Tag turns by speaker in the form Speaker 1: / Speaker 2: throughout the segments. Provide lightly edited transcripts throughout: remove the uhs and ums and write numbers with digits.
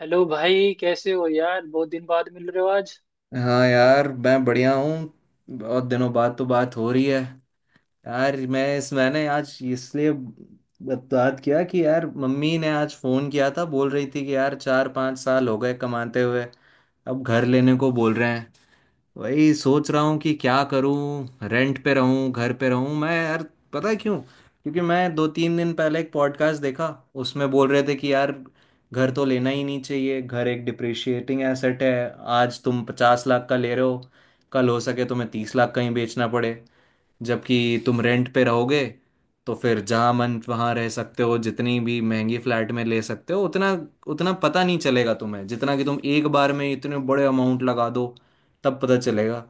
Speaker 1: Hello भाई, कैसे हो यार? बहुत दिन बाद मिल रहे हो आज।
Speaker 2: हाँ यार, मैं बढ़िया हूँ। बहुत दिनों बाद तो बात हो रही है। यार, मैंने आज इसलिए बात किया कि यार, मम्मी ने आज फ़ोन किया था। बोल रही थी कि यार, 4-5 साल हो गए कमाते हुए। अब घर लेने को बोल रहे हैं। वही सोच रहा हूँ कि क्या करूँ, रेंट पे रहूँ, घर पे रहूँ। मैं यार पता है क्यों? क्योंकि मैं 2-3 दिन पहले एक पॉडकास्ट देखा। उसमें बोल रहे थे कि यार, घर तो लेना ही नहीं चाहिए। घर एक डिप्रिशिएटिंग एसेट है। आज तुम 50 लाख का ले रहे हो, कल हो सके तुम्हें 30 लाख का ही बेचना पड़े। जबकि तुम रेंट पे रहोगे तो फिर जहाँ मन वहाँ रह सकते हो, जितनी भी महंगी फ्लैट में ले सकते हो उतना उतना पता नहीं चलेगा तुम्हें, जितना कि तुम एक बार में इतने बड़े अमाउंट लगा दो, तब पता चलेगा।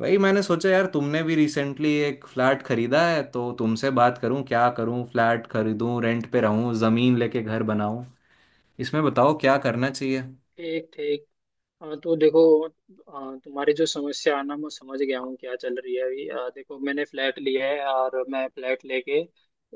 Speaker 2: वही मैंने सोचा यार, तुमने भी रिसेंटली एक फ्लैट खरीदा है, तो तुमसे बात करूं, क्या करूं, फ्लैट खरीदूं, रेंट पे रहूं, ज़मीन लेके घर बनाऊं। इसमें बताओ क्या करना चाहिए।
Speaker 1: ठीक ठीक। हाँ, तो देखो, तुम्हारी जो समस्या है ना, मैं समझ गया हूँ क्या चल रही है अभी। देखो, मैंने फ्लैट लिया है और मैं फ्लैट लेके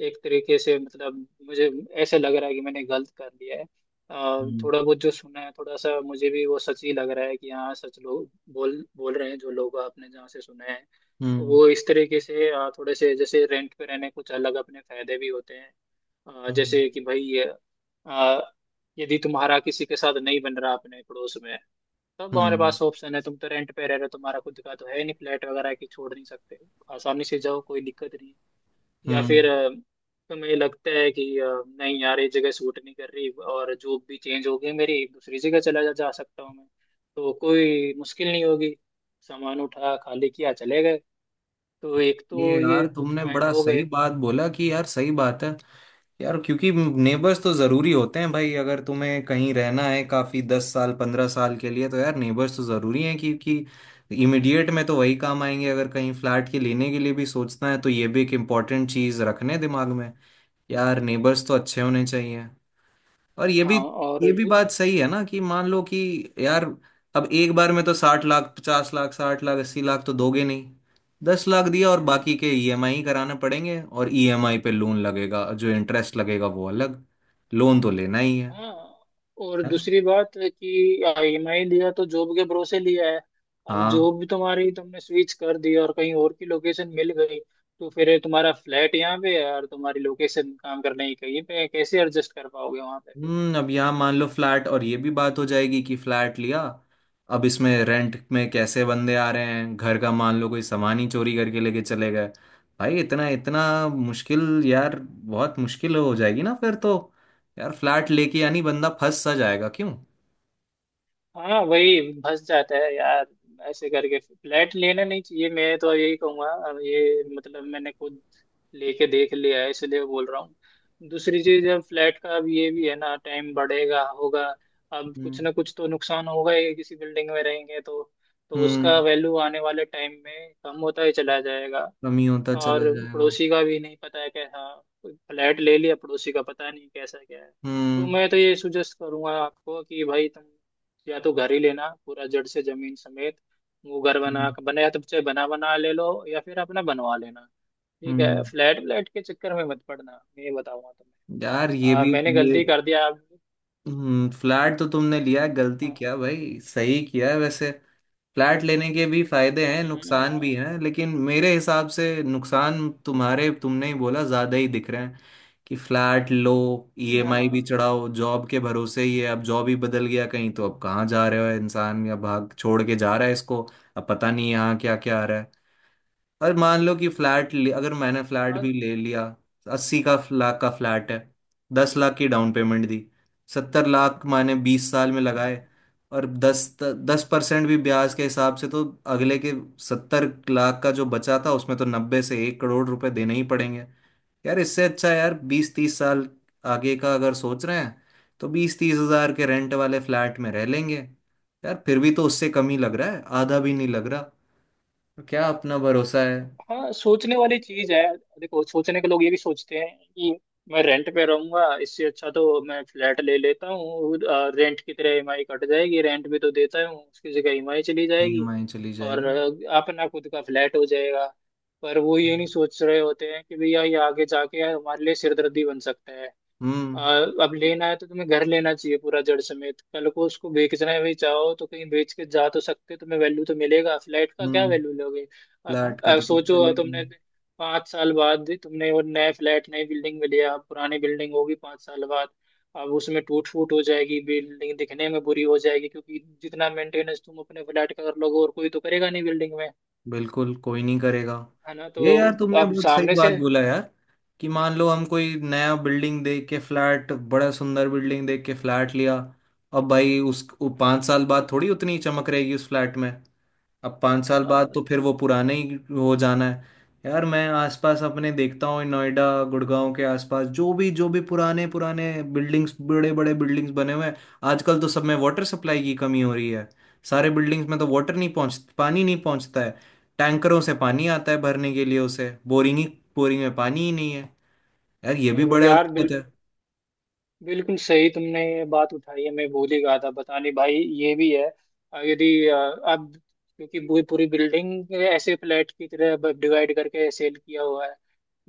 Speaker 1: एक तरीके से, मतलब मुझे ऐसे लग रहा है कि मैंने गलत कर लिया है।
Speaker 2: हम्म।
Speaker 1: थोड़ा बहुत जो सुना है, थोड़ा सा मुझे भी वो सच ही लग रहा है कि हाँ, सच लोग बोल बोल रहे हैं। जो लोग आपने जहाँ से सुना है,
Speaker 2: हम्म।
Speaker 1: वो इस तरीके से थोड़े से जैसे रेंट पे रहने कुछ अलग अपने फायदे भी होते हैं।
Speaker 2: हम्म।
Speaker 1: जैसे कि भाई, अ, यदि तुम्हारा किसी के साथ नहीं बन रहा अपने पड़ोस में, तब हमारे
Speaker 2: हम्म।
Speaker 1: पास ऑप्शन है। तुम तो रेंट पे रह रहे हो, तुम्हारा खुद का तो है नहीं, फ्लैट वगैरह की छोड़ नहीं सकते। आसानी से जाओ, कोई दिक्कत नहीं। या
Speaker 2: हम्म।
Speaker 1: फिर तुम्हें लगता है कि नहीं यार, ये जगह सूट नहीं कर रही और जॉब भी चेंज हो गई मेरी, दूसरी जगह चला जा सकता हूँ मैं, तो कोई मुश्किल नहीं होगी। सामान उठा, खाली किया, चले गए। तो एक तो
Speaker 2: ये यार
Speaker 1: ये कुछ
Speaker 2: तुमने
Speaker 1: पॉइंट
Speaker 2: बड़ा
Speaker 1: हो
Speaker 2: सही
Speaker 1: गए।
Speaker 2: बात बोला, कि यार सही बात है। यार, क्योंकि नेबर्स तो जरूरी होते हैं भाई। अगर तुम्हें कहीं रहना है काफी 10 साल 15 साल के लिए, तो यार नेबर्स तो जरूरी हैं, क्योंकि इमिडिएट में तो वही काम आएंगे। अगर कहीं फ्लैट के लेने के लिए भी सोचना है तो ये भी एक इम्पोर्टेंट चीज रखने दिमाग में। यार नेबर्स तो अच्छे होने चाहिए। और ये भी,
Speaker 1: हाँ और
Speaker 2: ये भी
Speaker 1: दू-
Speaker 2: बात सही है ना कि मान लो कि यार, अब एक बार में तो 60 लाख 50 लाख 60 लाख 80 लाख तो दोगे नहीं। 10 लाख दिया और
Speaker 1: हम्म,
Speaker 2: बाकी के ईएमआई कराने पड़ेंगे, और ईएमआई पे लोन लगेगा, जो इंटरेस्ट लगेगा वो अलग। लोन तो लेना ही है
Speaker 1: हाँ और
Speaker 2: है ना।
Speaker 1: दूसरी बात है कि ईएमआई लिया तो जॉब के भरोसे लिया है। अब
Speaker 2: हाँ।
Speaker 1: जॉब भी तुम्हारी तुमने स्विच कर दी और कहीं और की लोकेशन मिल गई, तो फिर तुम्हारा फ्लैट यहाँ पे है और तुम्हारी लोकेशन काम करने की कहीं पे है। कैसे एडजस्ट कर पाओगे वहां पे?
Speaker 2: हम्म। अब यहाँ मान लो फ्लैट, और ये भी बात हो जाएगी कि फ्लैट लिया, अब इसमें रेंट में कैसे बंदे आ रहे हैं घर का। मान लो कोई सामान ही चोरी करके लेके चले गए भाई। इतना इतना मुश्किल, यार बहुत मुश्किल हो जाएगी ना फिर तो। यार फ्लैट लेके यानी बंदा फंस सा जाएगा, क्यों?
Speaker 1: हाँ, वही फंस जाता है यार। ऐसे करके फ्लैट लेना नहीं चाहिए, मैं तो यही कहूंगा। अब ये, मतलब मैंने खुद लेके देख लिया है, इसलिए बोल रहा हूँ। दूसरी चीज, अब फ्लैट का, अब ये भी है ना, टाइम बढ़ेगा होगा, अब कुछ
Speaker 2: हम्म।
Speaker 1: ना कुछ तो नुकसान होगा ही किसी बिल्डिंग में रहेंगे तो। तो उसका
Speaker 2: हम्म।
Speaker 1: वैल्यू आने वाले टाइम में कम होता ही चला जाएगा।
Speaker 2: कमी होता
Speaker 1: और
Speaker 2: चला जाएगा।
Speaker 1: पड़ोसी का भी नहीं पता है कैसा, फ्लैट ले लिया, पड़ोसी का पता नहीं कैसा क्या है। तो
Speaker 2: हम्म।
Speaker 1: मैं तो ये सुजेस्ट करूंगा आपको कि भाई, तुम या तो घर ही लेना पूरा जड़ से जमीन समेत। वो घर बना
Speaker 2: हम्म।
Speaker 1: बना, या तो चाहे बना बना ले लो, या फिर अपना बनवा लेना। ठीक है,
Speaker 2: हम्म।
Speaker 1: फ्लैट व्लैट के चक्कर में मत पड़ना। मैं ये बताऊंगा तुम्हें।
Speaker 2: यार ये भी,
Speaker 1: मैंने
Speaker 2: ये
Speaker 1: गलती कर दिया आप।
Speaker 2: हम्म। फ्लैट तो तुमने लिया है, गलती
Speaker 1: हाँ
Speaker 2: क्या भाई, सही किया है वैसे। फ्लैट लेने के भी फायदे हैं नुकसान भी
Speaker 1: हाँ
Speaker 2: हैं, लेकिन मेरे हिसाब से नुकसान तुम्हारे तुमने ही बोला ज्यादा ही दिख रहे हैं कि फ्लैट लो, ईएमआई भी चढ़ाओ, जॉब के भरोसे ही है। अब जॉब ही बदल गया कहीं, तो अब कहाँ जा रहे हो इंसान, या भाग छोड़ के जा रहा है इसको। अब पता नहीं यहाँ क्या क्या आ रहा है। और मान लो कि अगर मैंने फ्लैट
Speaker 1: हाँ
Speaker 2: भी ले लिया। 80 लाख का फ्लैट है, 10 लाख की डाउन पेमेंट दी, 70 लाख मैंने 20 साल में लगाए, और 10-10% भी ब्याज के
Speaker 1: हाँ।
Speaker 2: हिसाब से तो अगले के 70 लाख का जो बचा था उसमें तो 90 से 1 करोड़ रुपए देने ही पड़ेंगे। यार इससे अच्छा है यार 20-30 साल आगे का अगर सोच रहे हैं तो 20-30 हजार के रेंट वाले फ्लैट में रह लेंगे। यार फिर भी तो उससे कम ही लग रहा है, आधा भी नहीं लग रहा। तो क्या अपना भरोसा है।
Speaker 1: हाँ, सोचने वाली चीज है। देखो, सोचने के लोग ये भी सोचते हैं कि मैं रेंट पे रहूंगा, इससे अच्छा तो मैं फ्लैट ले लेता हूँ। रेंट की तरह ईएमआई कट जाएगी, रेंट भी तो देता हूँ, उसकी जगह ईएमआई चली जाएगी,
Speaker 2: ईएमआई चली
Speaker 1: और
Speaker 2: जाएगी।
Speaker 1: अपना खुद का फ्लैट हो जाएगा। पर वो ये नहीं सोच रहे होते हैं कि भैया, ये आगे जाके हमारे लिए सिरदर्दी बन सकता है।
Speaker 2: हम्म।
Speaker 1: आ, अब लेना है तो तुम्हें घर लेना चाहिए पूरा जड़ समेत। कल को उसको बेचना भी चाहो तो कहीं बेच के जा तो सकते हो, तुम्हें वैल्यू तो मिलेगा। फ्लैट का क्या
Speaker 2: हम्म।
Speaker 1: वैल्यू लोगे? अब,
Speaker 2: फ्लैट का
Speaker 1: अब
Speaker 2: तो कुछ
Speaker 1: सोचो,
Speaker 2: वैल्यू नहीं।
Speaker 1: तुमने 5 साल बाद तुमने वो नया फ्लैट नई बिल्डिंग में लिया, अब पुरानी बिल्डिंग होगी 5 साल बाद। अब उसमें टूट फूट हो जाएगी, बिल्डिंग दिखने में बुरी हो जाएगी, क्योंकि जितना मेंटेनेंस तुम अपने फ्लैट का कर लोगे, और कोई तो करेगा नहीं बिल्डिंग में।
Speaker 2: बिल्कुल कोई नहीं करेगा।
Speaker 1: है ना? तो
Speaker 2: ये यार तुमने
Speaker 1: अब
Speaker 2: बहुत सही
Speaker 1: सामने
Speaker 2: बात
Speaker 1: से,
Speaker 2: बोला यार, कि मान लो हम कोई नया बिल्डिंग देख के, फ्लैट बड़ा सुंदर बिल्डिंग देख के फ्लैट लिया, अब भाई उस वो 5 साल बाद थोड़ी उतनी चमक रहेगी उस फ्लैट में। अब 5 साल बाद
Speaker 1: हाँ,
Speaker 2: तो फिर वो पुराने ही हो जाना है। यार मैं आसपास अपने देखता हूँ, नोएडा गुड़गांव के आसपास जो भी पुराने पुराने बिल्डिंग्स बड़े बड़े बिल्डिंग्स बने हुए हैं, आजकल तो सब में वाटर सप्लाई की कमी हो रही है। सारे बिल्डिंग्स में तो वाटर नहीं पहुँच पानी नहीं पहुँचता है। टैंकरों से पानी आता है भरने के लिए, उसे बोरिंग में पानी ही नहीं है। यार ये भी
Speaker 1: तो
Speaker 2: बड़ा
Speaker 1: यार
Speaker 2: दिक्कत है।
Speaker 1: बिल्कुल सही तुमने ये बात उठाई है, मैं भूल ही गया था बताने भाई, ये भी है। अ, यदि अ, अब क्योंकि पूरी पूरी बिल्डिंग ऐसे फ्लैट की तरह डिवाइड करके सेल किया हुआ है,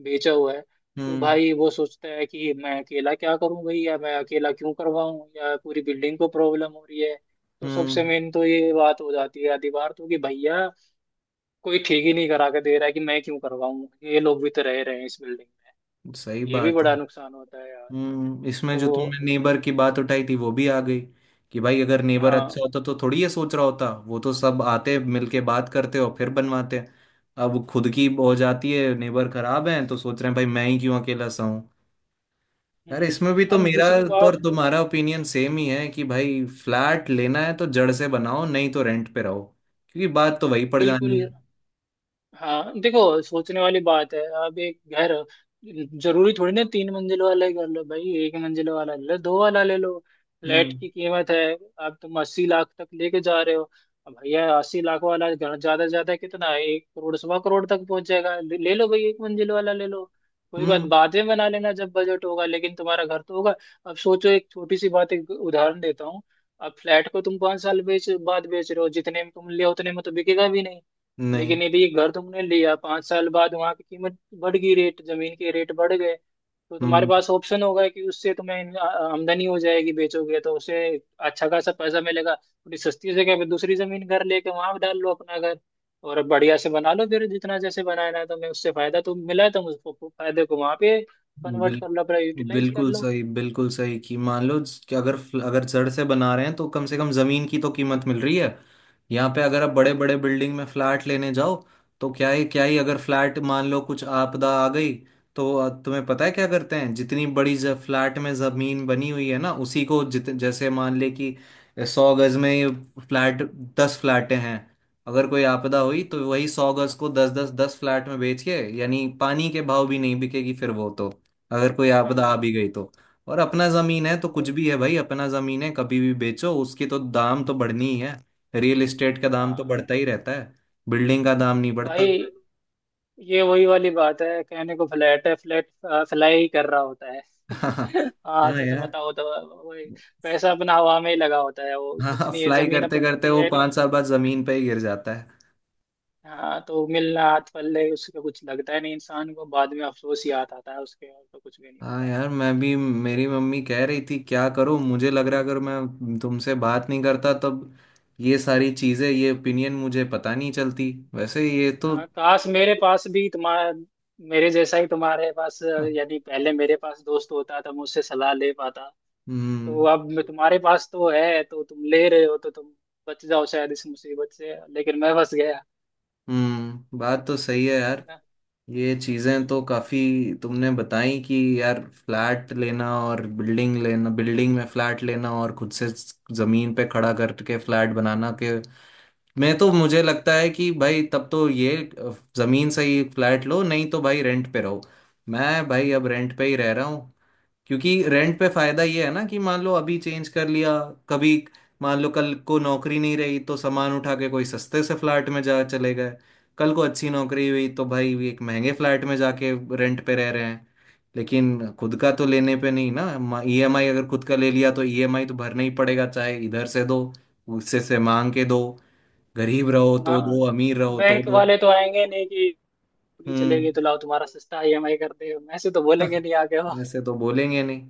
Speaker 1: बेचा हुआ है। तो
Speaker 2: हम्म।
Speaker 1: भाई वो सोचता है कि मैं अकेला क्या करूं भाई, या मैं अकेला क्यों करवाऊं, या पूरी बिल्डिंग को प्रॉब्लम हो रही है। तो
Speaker 2: हम्म।
Speaker 1: सबसे मेन तो ये बात हो जाती है आधी बार तो, कि भैया, कोई ठीक ही नहीं करा के दे रहा है, कि मैं क्यों करवाऊं, ये लोग भी तो रह रहे हैं इस बिल्डिंग में।
Speaker 2: सही
Speaker 1: ये भी
Speaker 2: बात
Speaker 1: बड़ा
Speaker 2: है।
Speaker 1: नुकसान होता है यार।
Speaker 2: हम्म। इसमें जो तुमने
Speaker 1: तो
Speaker 2: नेबर की बात उठाई थी वो भी आ गई, कि भाई अगर नेबर
Speaker 1: हाँ।
Speaker 2: अच्छा होता तो थोड़ी ये सोच रहा होता, वो तो सब आते मिलके बात करते और फिर बनवाते। अब वो खुद की हो जाती है, नेबर खराब है तो सोच रहे हैं भाई मैं ही क्यों अकेला सहूं। यार
Speaker 1: हम्म,
Speaker 2: इसमें भी तो
Speaker 1: अब
Speaker 2: मेरा,
Speaker 1: दूसरी
Speaker 2: तो और
Speaker 1: बात,
Speaker 2: तुम्हारा ओपिनियन सेम ही है कि भाई फ्लैट लेना है तो जड़ से बनाओ नहीं तो रेंट पे रहो, क्योंकि बात तो वही पड़ जानी
Speaker 1: बिल्कुल।
Speaker 2: है।
Speaker 1: हाँ, देखो, सोचने वाली बात है। अब एक घर, जरूरी थोड़ी ना 3 मंजिल वाला ही घर लो भाई, एक मंजिल वाला ले लो, दो वाला ले लो। फ्लैट
Speaker 2: हम्म।
Speaker 1: की कीमत है, अब तुम 80 लाख तक लेके जा रहे हो। अब भैया, 80 लाख वाला घर ज्यादा से ज्यादा कितना है? एक करोड़, सवा करोड़ तक पहुंच जाएगा। ले ले लो भाई, एक मंजिल वाला ले लो। कोई बात,
Speaker 2: हम्म।
Speaker 1: बाद में बना लेना जब बजट होगा, लेकिन तुम्हारा घर तो होगा। अब सोचो, एक छोटी सी बात, एक उदाहरण देता हूँ। अब फ्लैट को तुम 5 साल बेच बाद बेच रहे हो, जितने में तुम लिया उतने में तो बिकेगा भी नहीं।
Speaker 2: नहीं।
Speaker 1: लेकिन यदि ये घर तुमने लिया 5 साल बाद, वहां की कीमत बढ़ गई, रेट, जमीन के रेट बढ़ गए, तो तुम्हारे
Speaker 2: हम्म।
Speaker 1: पास ऑप्शन होगा कि उससे तुम्हें आमदनी हो जाएगी। बेचोगे तो उसे अच्छा खासा पैसा मिलेगा, थोड़ी सस्ती जगह पे दूसरी जमीन घर लेके वहां डाल लो अपना घर, और बढ़िया से बना लो फिर जितना जैसे बनाना है तुम्हें। उससे फायदा तो मिला है, तुम उसको, फायदे को वहां पे कन्वर्ट कर लो अपना, यूटिलाइज कर
Speaker 2: बिल्कुल
Speaker 1: लो।
Speaker 2: सही, बिल्कुल सही, कि मान लो कि अगर, अगर जड़ से बना रहे हैं तो कम से कम जमीन की तो कीमत मिल रही है। यहाँ पे अगर आप
Speaker 1: हाँ,
Speaker 2: बड़े बड़े बिल्डिंग में फ्लैट लेने जाओ, तो क्या ही, क्या ही अगर फ्लैट मान लो कुछ आपदा आ गई, तो तुम्हें पता है क्या करते हैं? जितनी बड़ी फ्लैट में जमीन बनी हुई है ना उसी को जित जैसे मान ले कि 100 गज में फ्लैट 10 फ्लैटें हैं, अगर कोई आपदा हुई तो वही 100 गज को दस दस दस फ्लैट में बेच के, यानी पानी के भाव भी नहीं बिकेगी फिर वो तो। अगर कोई
Speaker 1: हाँ
Speaker 2: आपदा आ भी गई तो। और अपना जमीन है तो कुछ
Speaker 1: वही तो।
Speaker 2: भी है भाई, अपना जमीन है कभी भी बेचो उसकी तो दाम तो बढ़नी ही है। रियल एस्टेट का दाम तो
Speaker 1: हाँ
Speaker 2: बढ़ता ही रहता है, बिल्डिंग का दाम नहीं बढ़ता।
Speaker 1: भाई, ये वही वाली बात है, कहने को फ्लैट है, फ्लैट फ्लाई ही कर रहा होता है। हाँ,
Speaker 2: हाँ
Speaker 1: सच
Speaker 2: यार।
Speaker 1: बताओ तो। वही, पैसा अपना हवा में ही लगा होता है, वो कुछ
Speaker 2: हाँ,
Speaker 1: नहीं है,
Speaker 2: फ्लाई
Speaker 1: जमीन
Speaker 2: करते
Speaker 1: अपनी
Speaker 2: करते
Speaker 1: होती
Speaker 2: वो
Speaker 1: है नहीं।
Speaker 2: 5 साल बाद जमीन पे ही गिर जाता है।
Speaker 1: हाँ, तो मिलना हाथ पल्ले उसका कुछ लगता है नहीं इंसान को, बाद में अफसोस ही याद आता है उसके, और तो कुछ भी नहीं
Speaker 2: हाँ
Speaker 1: होता।
Speaker 2: यार, मैं भी, मेरी मम्मी कह रही थी क्या करूँ, मुझे लग रहा अगर मैं तुमसे बात नहीं करता तब ये सारी चीजें, ये ओपिनियन मुझे पता नहीं चलती वैसे ये तो।
Speaker 1: हाँ काश मेरे पास भी तुम्हारा, मेरे जैसा ही तुम्हारे पास,
Speaker 2: हाँ।
Speaker 1: यदि पहले मेरे पास दोस्त होता तो मुझसे सलाह ले पाता। तो
Speaker 2: हम्म।
Speaker 1: अब मैं तुम्हारे पास तो है, तो तुम ले रहे हो, तो तुम बच जाओ शायद इस मुसीबत से, लेकिन मैं बच गया।
Speaker 2: हम्म। बात तो सही है यार।
Speaker 1: है ना?
Speaker 2: ये चीजें
Speaker 1: हम्म।
Speaker 2: तो काफी तुमने बताई, कि यार फ्लैट लेना और बिल्डिंग लेना, बिल्डिंग में फ्लैट लेना और खुद से जमीन पे खड़ा करके फ्लैट बनाना के, मैं तो मुझे लगता है कि भाई तब तो ये जमीन से ही फ्लैट लो नहीं तो भाई रेंट पे रहो। मैं भाई अब रेंट पे ही रह रहा हूँ, क्योंकि रेंट पे फायदा ये है ना कि मान लो अभी चेंज कर लिया कभी, मान लो कल को नौकरी नहीं रही तो सामान उठा के कोई सस्ते से फ्लैट में जा चले गए। कल को अच्छी नौकरी हुई तो भाई ये एक महंगे फ्लैट में जाके रेंट पे रह रहे हैं। लेकिन खुद का तो लेने पे नहीं ना, ईएमआई अगर खुद का ले लिया तो ईएमआई तो भरना ही पड़ेगा, चाहे इधर से दो, उससे से मांग के दो, गरीब रहो तो
Speaker 1: हाँ,
Speaker 2: दो, अमीर रहो तो
Speaker 1: बैंक
Speaker 2: दो।
Speaker 1: वाले तो आएंगे नहीं कि पूरी चले
Speaker 2: हम्म।
Speaker 1: गए तो लाओ, तुम्हारा सस्ता ईएमआई कर दे, ऐसे तो बोलेंगे नहीं आगे।
Speaker 2: ऐसे तो बोलेंगे नहीं।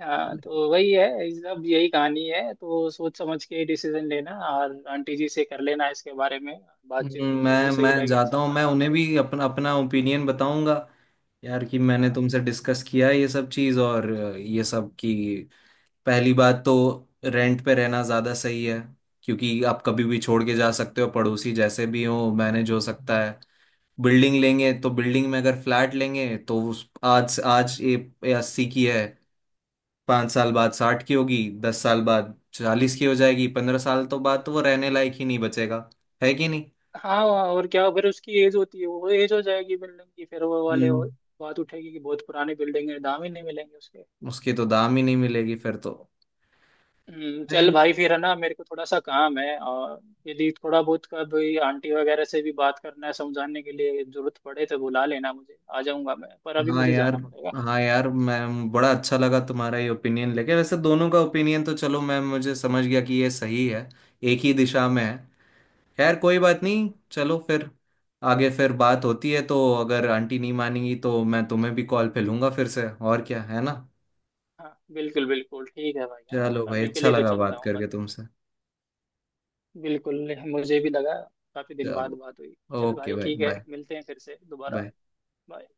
Speaker 1: हाँ, तो वही है सब, यही कहानी है। तो सोच समझ के डिसीजन लेना, और आंटी जी से कर लेना इसके बारे में बातचीत, जो
Speaker 2: मैं
Speaker 1: भी सही
Speaker 2: मैं
Speaker 1: लगे
Speaker 2: जाता हूँ, मैं
Speaker 1: समझाना
Speaker 2: उन्हें
Speaker 1: उनको।
Speaker 2: भी अपना अपना ओपिनियन बताऊंगा यार, कि मैंने
Speaker 1: हाँ
Speaker 2: तुमसे डिस्कस किया है ये सब चीज़ और ये सब की। पहली बात तो रेंट पे रहना ज़्यादा सही है, क्योंकि आप कभी भी छोड़ के जा सकते हो, पड़ोसी जैसे भी हो मैनेज हो सकता है। बिल्डिंग लेंगे तो बिल्डिंग में, अगर फ्लैट लेंगे तो उस आज आज ये 80 की है, 5 साल बाद 60 की होगी, 10 साल बाद 40 की हो जाएगी, 15 साल तो बाद तो वो रहने लायक ही नहीं बचेगा। है कि नहीं?
Speaker 1: हाँ हाँ, और क्या, फिर उसकी एज होती है, वो एज हो जाएगी बिल्डिंग की, फिर वो वाले हो,
Speaker 2: हम्म।
Speaker 1: बात उठेगी कि बहुत पुरानी बिल्डिंग है, दाम ही नहीं मिलेंगे उसके।
Speaker 2: उसकी तो दाम ही नहीं मिलेगी फिर तो।
Speaker 1: चल
Speaker 2: भाई,
Speaker 1: भाई, फिर है ना, मेरे को थोड़ा सा काम है। और यदि थोड़ा बहुत कभी आंटी वगैरह से भी बात करना है समझाने के लिए जरूरत पड़े, तो बुला लेना मुझे, आ जाऊंगा मैं, पर अभी
Speaker 2: हाँ
Speaker 1: मुझे
Speaker 2: यार।
Speaker 1: जाना पड़ेगा।
Speaker 2: हाँ यार, मैं बड़ा अच्छा लगा तुम्हारा ये ओपिनियन लेके, वैसे दोनों का ओपिनियन तो चलो मैं, मुझे समझ गया कि ये सही है, एक ही दिशा में है। खैर कोई बात नहीं, चलो फिर आगे फिर बात होती है, तो अगर आंटी नहीं मानेंगी तो मैं तुम्हें भी कॉल पे लूंगा फिर से, और क्या है ना।
Speaker 1: हाँ, बिल्कुल बिल्कुल ठीक है भाई। हाँ,
Speaker 2: चलो भाई
Speaker 1: अभी के
Speaker 2: अच्छा
Speaker 1: लिए तो
Speaker 2: लगा
Speaker 1: चलता
Speaker 2: बात
Speaker 1: हूँ
Speaker 2: करके
Speaker 1: भाई।
Speaker 2: तुमसे।
Speaker 1: बिल्कुल, मुझे भी लगा, काफी दिन बाद
Speaker 2: चलो।
Speaker 1: बात हुई। चल
Speaker 2: ओके
Speaker 1: भाई,
Speaker 2: भाई
Speaker 1: ठीक है,
Speaker 2: बाय।
Speaker 1: मिलते हैं फिर से दोबारा।
Speaker 2: बाय।
Speaker 1: बाय।